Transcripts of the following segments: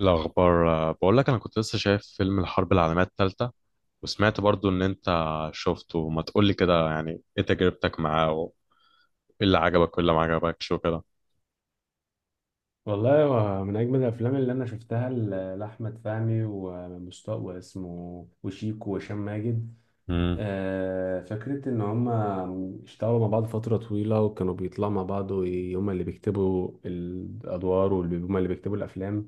الأخبار بقول لك أنا كنت لسه شايف فيلم الحرب العالمية التالتة، وسمعت برضو إن أنت شفته. ما تقولي كده يعني إيه تجربتك معاه وإيه اللي عجبك وإيه اللي ما عجبكش وكده. والله هو من أجمل الأفلام اللي أنا شفتها لأحمد فهمي ومستوى واسمه وشيكو وهشام ماجد. امم فكرة إن هما اشتغلوا مع بعض فترة طويلة وكانوا بيطلعوا مع بعض، وهما اللي بيكتبوا الأدوار وهما اللي بيكتبوا الأفلام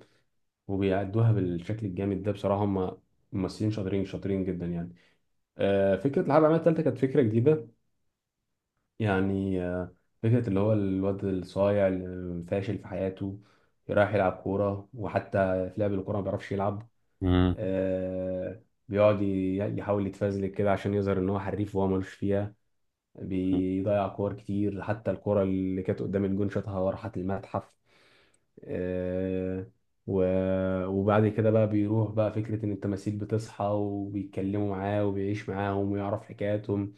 وبيأدوها بالشكل الجامد ده. بصراحة هما ممثلين شاطرين شاطرين جدا يعني. فكرة الحرب العالمية التالتة كانت فكرة جديدة. يعني فكرة اللي هو الواد الصايع اللي فاشل في حياته، رايح يلعب كورة، وحتى في لعب الكورة ما بيعرفش يلعب. امم آه، بيقعد يحاول يتفزلك كده عشان يظهر إن هو حريف وهو ملوش فيها، بيضيع كور كتير، حتى الكورة اللي كانت قدام الجون شاطها وراحت المتحف. آه، وبعد كده بقى بيروح بقى، فكرة إن التماثيل بتصحى وبيتكلموا معاه وبيعيش معاهم ويعرف حكاياتهم،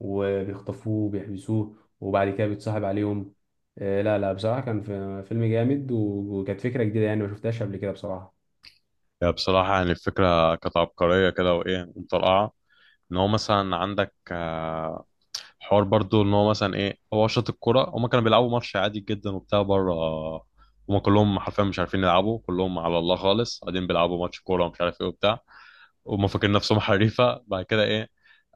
وبيخطفوه، بيحبسوه، وبعد كده بيتصاحب عليهم. لا لا، بصراحة كان فيلم جامد، وكانت فكرة جديدة يعني، ما شفتهاش قبل كده بصراحة. يعني بصراحة يعني الفكرة كانت عبقرية كده وإيه مطرقعة. إن هو مثلا عندك حوار برضو ان هو مثلا ايه، هو شاط الكرة. هما كانوا بيلعبوا ماتش عادي جدا وبتاع بره. هما كلهم حرفيا مش عارفين يلعبوا، كلهم على الله خالص، قاعدين بيلعبوا ماتش كورة ومش عارف ايه وبتاع. وهم فاكرين نفسهم حريفة. بعد كده ايه،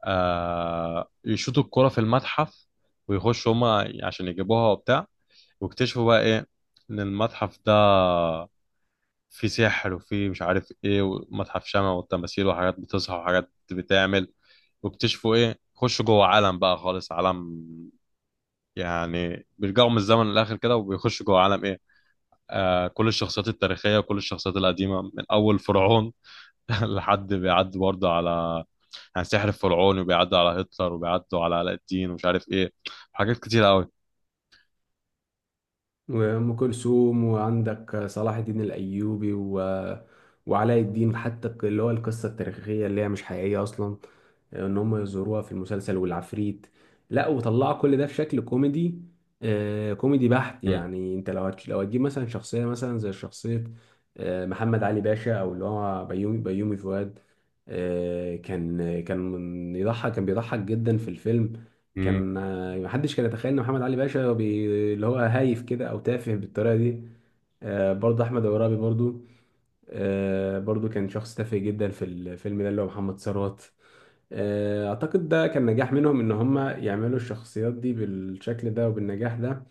يشوطوا الكرة في المتحف، ويخشوا هما عشان يجيبوها وبتاع. واكتشفوا بقى ايه؟ ان المتحف ده فيه سحر وفيه مش عارف ايه، ومتحف شمع والتماثيل وحاجات بتصحى وحاجات بتعمل. واكتشفوا ايه، خشوا جوه عالم بقى خالص، عالم يعني بيرجعوا من الزمن للاخر كده. وبيخشوا جوه عالم ايه، آه كل الشخصيات التاريخيه وكل الشخصيات القديمه، من اول فرعون لحد بيعدي برضه على يعني سحر الفرعون، وبيعدوا على هتلر وبيعدوا على علاء الدين ومش عارف ايه. حاجات كتير قوي. وأم كلثوم، وعندك صلاح الدين الأيوبي وعلاء الدين. حتى اللي هو القصة التاريخية اللي هي مش حقيقية أصلا، إن هم يزوروها في المسلسل، والعفريت. لا، وطلعوا كل ده في شكل كوميدي. كوميدي بحت. مم. يعني أنت لو لو هتجيب مثلا شخصية، مثلا زي شخصية محمد علي باشا، أو اللي هو بيومي فؤاد. كان كان بيضحك جدا في الفيلم. مم. كان محدش كان يتخيل ان محمد علي باشا اللي هو هايف كده او تافه بالطريقه دي. برضه احمد عرابي، برضه. برضه كان شخص تافه جدا في الفيلم ده، اللي هو محمد ثروت. اعتقد ده كان نجاح منهم، ان هم يعملوا الشخصيات دي بالشكل ده وبالنجاح ده.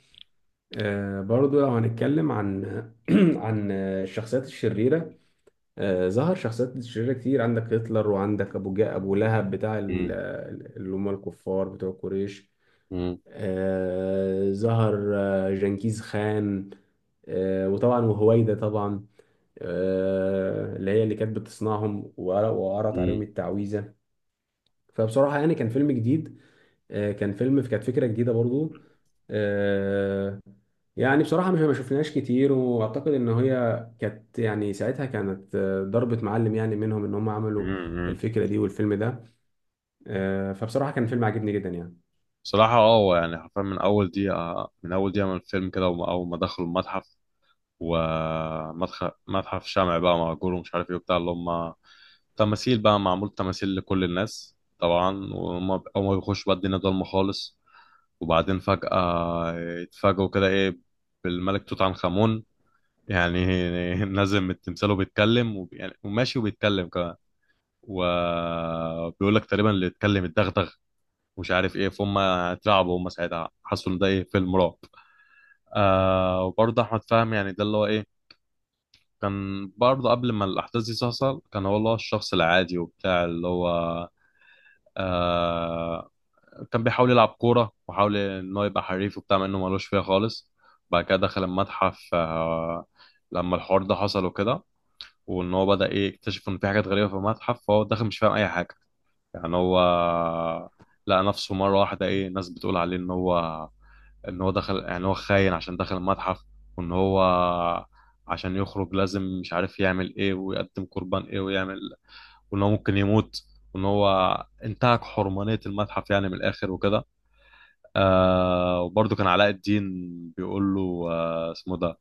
برضو لو هنتكلم عن الشخصيات الشريرة. ظهر شخصيات شريرة كتير، عندك هتلر، وعندك ابو لهب بتاع مم. اللي هم الكفار بتوع قريش. مم. ظهر جنكيز خان. وطبعا وهويدا طبعا، اللي هي اللي كانت بتصنعهم وقرأت مم. عليهم التعويذة. فبصراحة يعني كان فيلم جديد. كانت فكرة جديدة برضو. آه، يعني بصراحة مش ما شفناش كتير، وأعتقد إن هي كانت، يعني ساعتها كانت ضربة معلم يعني منهم، إن هم عملوا مم. الفكرة دي والفيلم ده. فبصراحة كان فيلم عجبني جدا يعني. بصراحة هو يعني حرفيا من أول دقيقة، من أول دقيقة من الفيلم كده، وأول ما دخلوا المتحف، ومتحف الشمع بقى، مأجور ومش عارف ايه وبتاع، اللي هم تماثيل بقى، معمول تماثيل لكل الناس طبعا. وهم أول ما بيخشوا بقى، الدنيا ضلمة خالص. وبعدين فجأة يتفاجئوا كده ايه، بالملك توت عنخ آمون، يعني نازل من التمثال وبيتكلم. يعني وماشي وبيتكلم كمان. وبيقول لك تقريبا اللي يتكلم الدغدغ ومش عارف ايه. فهم اترعبوا، هم ساعتها حسوا ان ده ايه، فيلم رعب. وبرضه احمد فهمي يعني ده اللي هو ايه، كان برضه قبل ما الأحداث دي تحصل كان هو اللي هو الشخص العادي وبتاع اللي هو، آه كان بيحاول يلعب كورة، وحاول إن هو يبقى حريف وبتاع مع إنه ملوش فيها خالص. بعد كده دخل المتحف، لما الحوار ده حصل وكده، وإن هو بدأ إيه، يكتشف إن في حاجات غريبة في المتحف. فهو داخل مش فاهم أي حاجة، يعني هو لقى نفسه مرة واحدة إيه، ناس بتقول عليه إن هو، ان هو دخل، يعني هو خاين عشان دخل المتحف. وان هو عشان يخرج لازم مش عارف يعمل ايه، ويقدم قربان ايه ويعمل. وان هو ممكن يموت، وان هو انتهك حرمانية المتحف يعني من الاخر وكده. وبرضه كان علاء الدين بيقول له اسمه ده،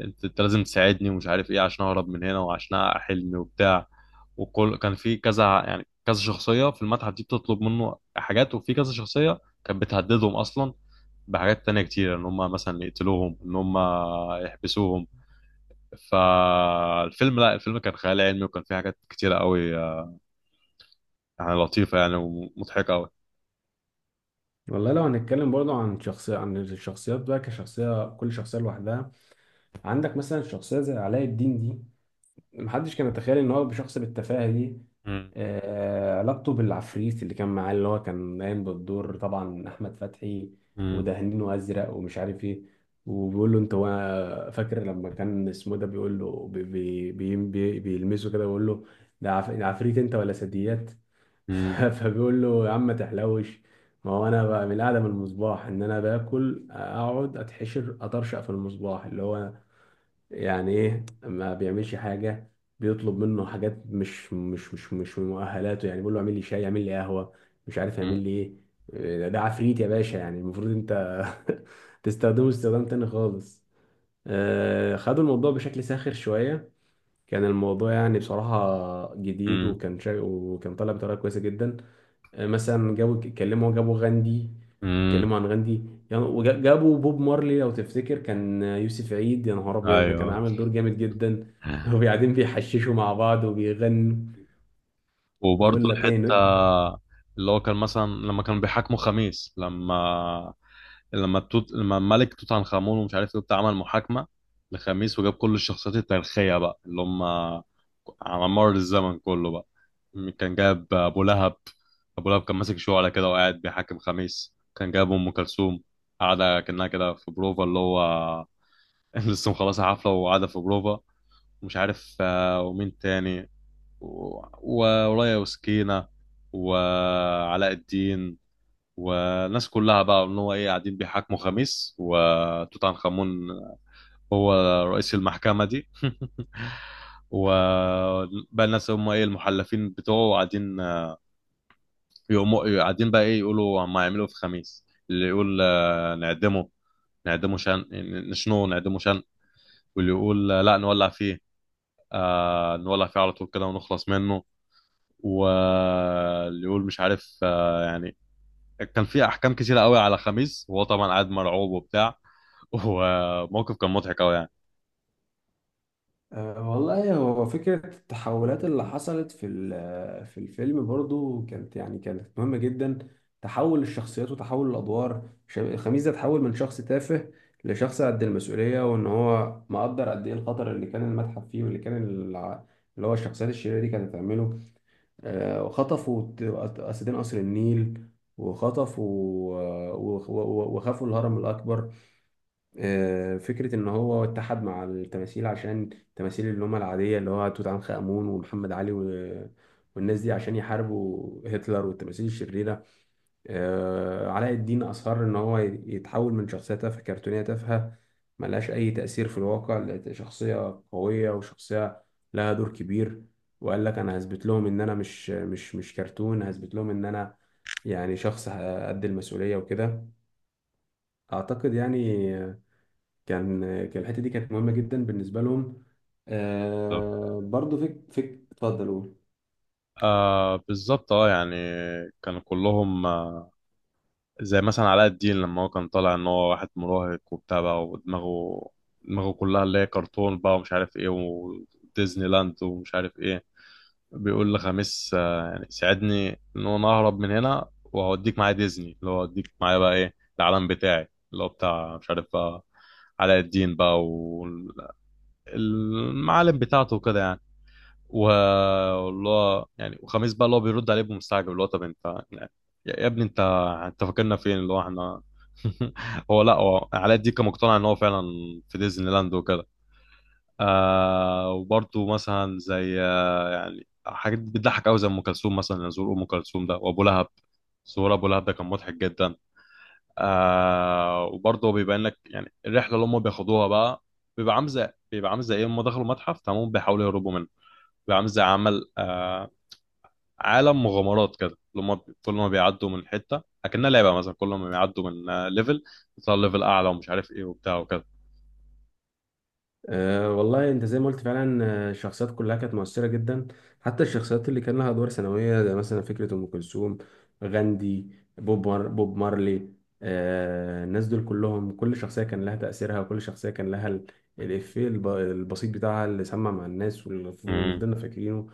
انت، لازم تساعدني ومش عارف ايه، عشان اهرب من هنا وعشان احقق حلمي وبتاع. وكل كان في كذا يعني كذا شخصية في المتحف دي بتطلب منه حاجات، وفي كذا شخصية كانت بتهددهم اصلا بحاجات تانية كتير، ان هم مثلا يقتلوهم، ان هم يحبسوهم. فالفيلم، لا الفيلم كان خيال علمي وكان فيه حاجات كتيرة قوي يعني، لطيفة يعني ومضحكة قوي. والله لو هنتكلم برضو عن الشخصيات بقى كشخصية، كل شخصية لوحدها. عندك مثلا شخصية زي علاء الدين دي، محدش كان يتخيل ان هو بشخص بالتفاهة دي. مم. علاقته بالعفريت اللي كان معاه، اللي هو كان قايم بالدور طبعا أحمد فتحي، مم. ودهنينه أزرق ومش عارف ايه. وبيقول له انت فاكر لما كان اسمه ده بيقول له بيلمسه كده ويقول له ده عفريت انت ولا ثدييات. مم. فبيقول له يا عم ما تحلوش، ما هو انا بقى من القعده من المصباح، ان انا باكل اقعد اتحشر اطرشق في المصباح اللي هو يعني ايه، ما بيعملش حاجه. بيطلب منه حاجات مش من مؤهلاته، يعني بيقول له اعمل لي شاي، اعمل لي قهوه، مش عارف يعمل لي ايه. إيه، ده عفريت يا باشا، يعني المفروض انت تستخدمه استخدام تاني خالص. خدوا الموضوع بشكل ساخر شويه. كان الموضوع يعني بصراحه جديد، مم. وكان طالع بطريقه كويسه جدا. مثلا جابوا، اتكلموا، جابوا غاندي، مم. اتكلموا عن غاندي يعني. وجابوا بوب مارلي، لو تفتكر كان يوسف عيد، يا نهار ابيض، ده كان ايوه. عامل دور جامد جدا. وقاعدين بيحششوا مع بعض وبيغنوا، بيقول وبرضه لك الحتة ايه. اللي هو كان مثلا لما كانوا بيحاكموا خميس، لما الملك توت عنخ آمون ومش عارف ايه وبتاع عمل محاكمة لخميس، وجاب كل الشخصيات التاريخية بقى اللي هم على مر الزمن كله بقى. كان جاب أبو لهب. أبو لهب كان ماسك شعلة كده وقاعد بيحاكم خميس. كان جاب أم كلثوم قاعدة كأنها كده في بروفا، اللي هو لسه مخلصة حفلة وقاعدة في بروفا. مش عارف ومين تاني، ورايا وسكينة وعلاء الدين، والناس كلها بقى، ان هو ايه، قاعدين بيحاكموا خميس. وتوت عنخ امون هو رئيس المحكمة دي وبقى الناس هم ايه، المحلفين بتوعه، قاعدين يقوموا قاعدين بقى ايه، يقولوا هم هيعملوا إيه في خميس. اللي يقول نعدمه، نعدمه شن نشنوه، نعدمه شن. واللي يقول لا نولع فيه، نولع فيه على طول كده ونخلص منه. واللي يقول مش عارف يعني. كان في احكام كتيره قوي على خميس، وهو طبعا قاعد مرعوب وبتاع وموقف كان مضحك قوي يعني. أه والله، هو فكرة التحولات اللي حصلت في ال- آه، في الفيلم برضو كانت، يعني كانت مهمة جدا. تحول الشخصيات وتحول الأدوار. خميس ده تحول من شخص تافه لشخص قد المسؤولية، وإن هو مقدر قد إيه الخطر اللي كان المتحف فيه، واللي كان اللي هو الشخصيات الشريرة دي كانت هتعمله. أه وخطفوا أسدين قصر النيل، وخطفوا وخافوا الهرم الأكبر. فكرة إن هو اتحد مع التماثيل، عشان التماثيل اللي هم العادية، اللي هو توت عنخ آمون ومحمد علي والناس دي، عشان يحاربوا هتلر والتماثيل الشريرة. علاء الدين أصر إن هو يتحول من شخصية تافهة كرتونية تافهة ملهاش أي تأثير في الواقع، لشخصية قوية، وشخصية لها دور كبير. وقال لك أنا هثبت لهم إن أنا مش كرتون، هثبت لهم إن أنا يعني شخص قد المسؤولية وكده. أعتقد يعني كان كان الحته دي كانت مهمه جدا بالنسبه لهم. برضو فك فك اتفضل قول. بالظبط يعني، كانوا كلهم زي مثلا علاء الدين، لما هو كان طالع ان هو واحد مراهق وبتاع بقى، ودماغه كلها اللي هي كرتون بقى ومش عارف ايه، وديزني لاند ومش عارف ايه. بيقول لخميس يعني ساعدني ان انا اهرب من هنا، وهوديك معايا ديزني، اللي هو هوديك معايا بقى ايه، العالم بتاعي، اللي هو بتاع مش عارف بقى، علاء الدين بقى، والمعالم بتاعته وكده يعني. واللي هو يعني وخميس بقى اللي هو بيرد عليه بمستعجب اللي هو، طب انت يعني، يا ابني، انت، انت فاكرنا فين، اللي هو احنا هو لا هو علاء الدين كان مقتنع ان هو فعلا في ديزني لاند وكده. وبرضه مثلا زي يعني حاجات بتضحك قوي، زي ام كلثوم مثلا، زور ام كلثوم ده وابو لهب، زور ابو لهب ده كان مضحك جدا. وبرضه بيبين لك يعني الرحله اللي هم بياخدوها بقى، بيبقى عامل زي ايه، هم دخلوا متحف تمام بيحاولوا يهربوا منه. بيبقى عامل زي عمل عالم مغامرات كده، اللي هم كل ما بيعدوا من حته اكنها لعبه مثلا، كل ما بيعدوا من ليفل بيطلعوا ليفل اعلى، ومش عارف ايه وبتاع وكده. والله انت زي ما قلت فعلا، الشخصيات كلها كانت مؤثره جدا، حتى الشخصيات اللي كان لها ادوار ثانويه، زي مثلا فكره ام كلثوم، غاندي، بوب مارلي. الناس دول كلهم، كل شخصيه كان لها تاثيرها، وكل شخصيه كان لها الافيه البسيط بتاعها اللي سمع مع الناس، واللي مم، فضلنا فاكرينه.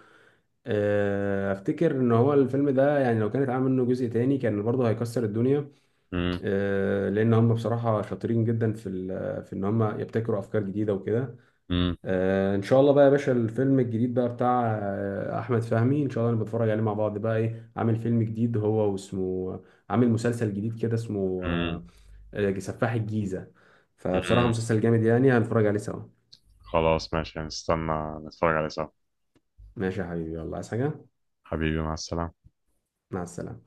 افتكر ان هو الفيلم ده، يعني لو كان اتعمل منه جزء تاني كان برضه هيكسر الدنيا. مم، لان هم بصراحه شاطرين جدا في ان هم يبتكروا افكار جديده وكده. مم، ان شاء الله بقى يا باشا، الفيلم الجديد بقى بتاع احمد فهمي، ان شاء الله نتفرج عليه مع بعض بقى. ايه، عامل فيلم جديد هو واسمه، عامل مسلسل جديد كده اسمه مم، سفاح الجيزه. فبصراحه مم. مسلسل جامد يعني، هنتفرج عليه سوا. خلاص ماشي، هنستنى نتفرج عليه سوا. ماشي يا حبيبي، يلا عايز حاجه. حبيبي، مع السلامة. مع السلامه.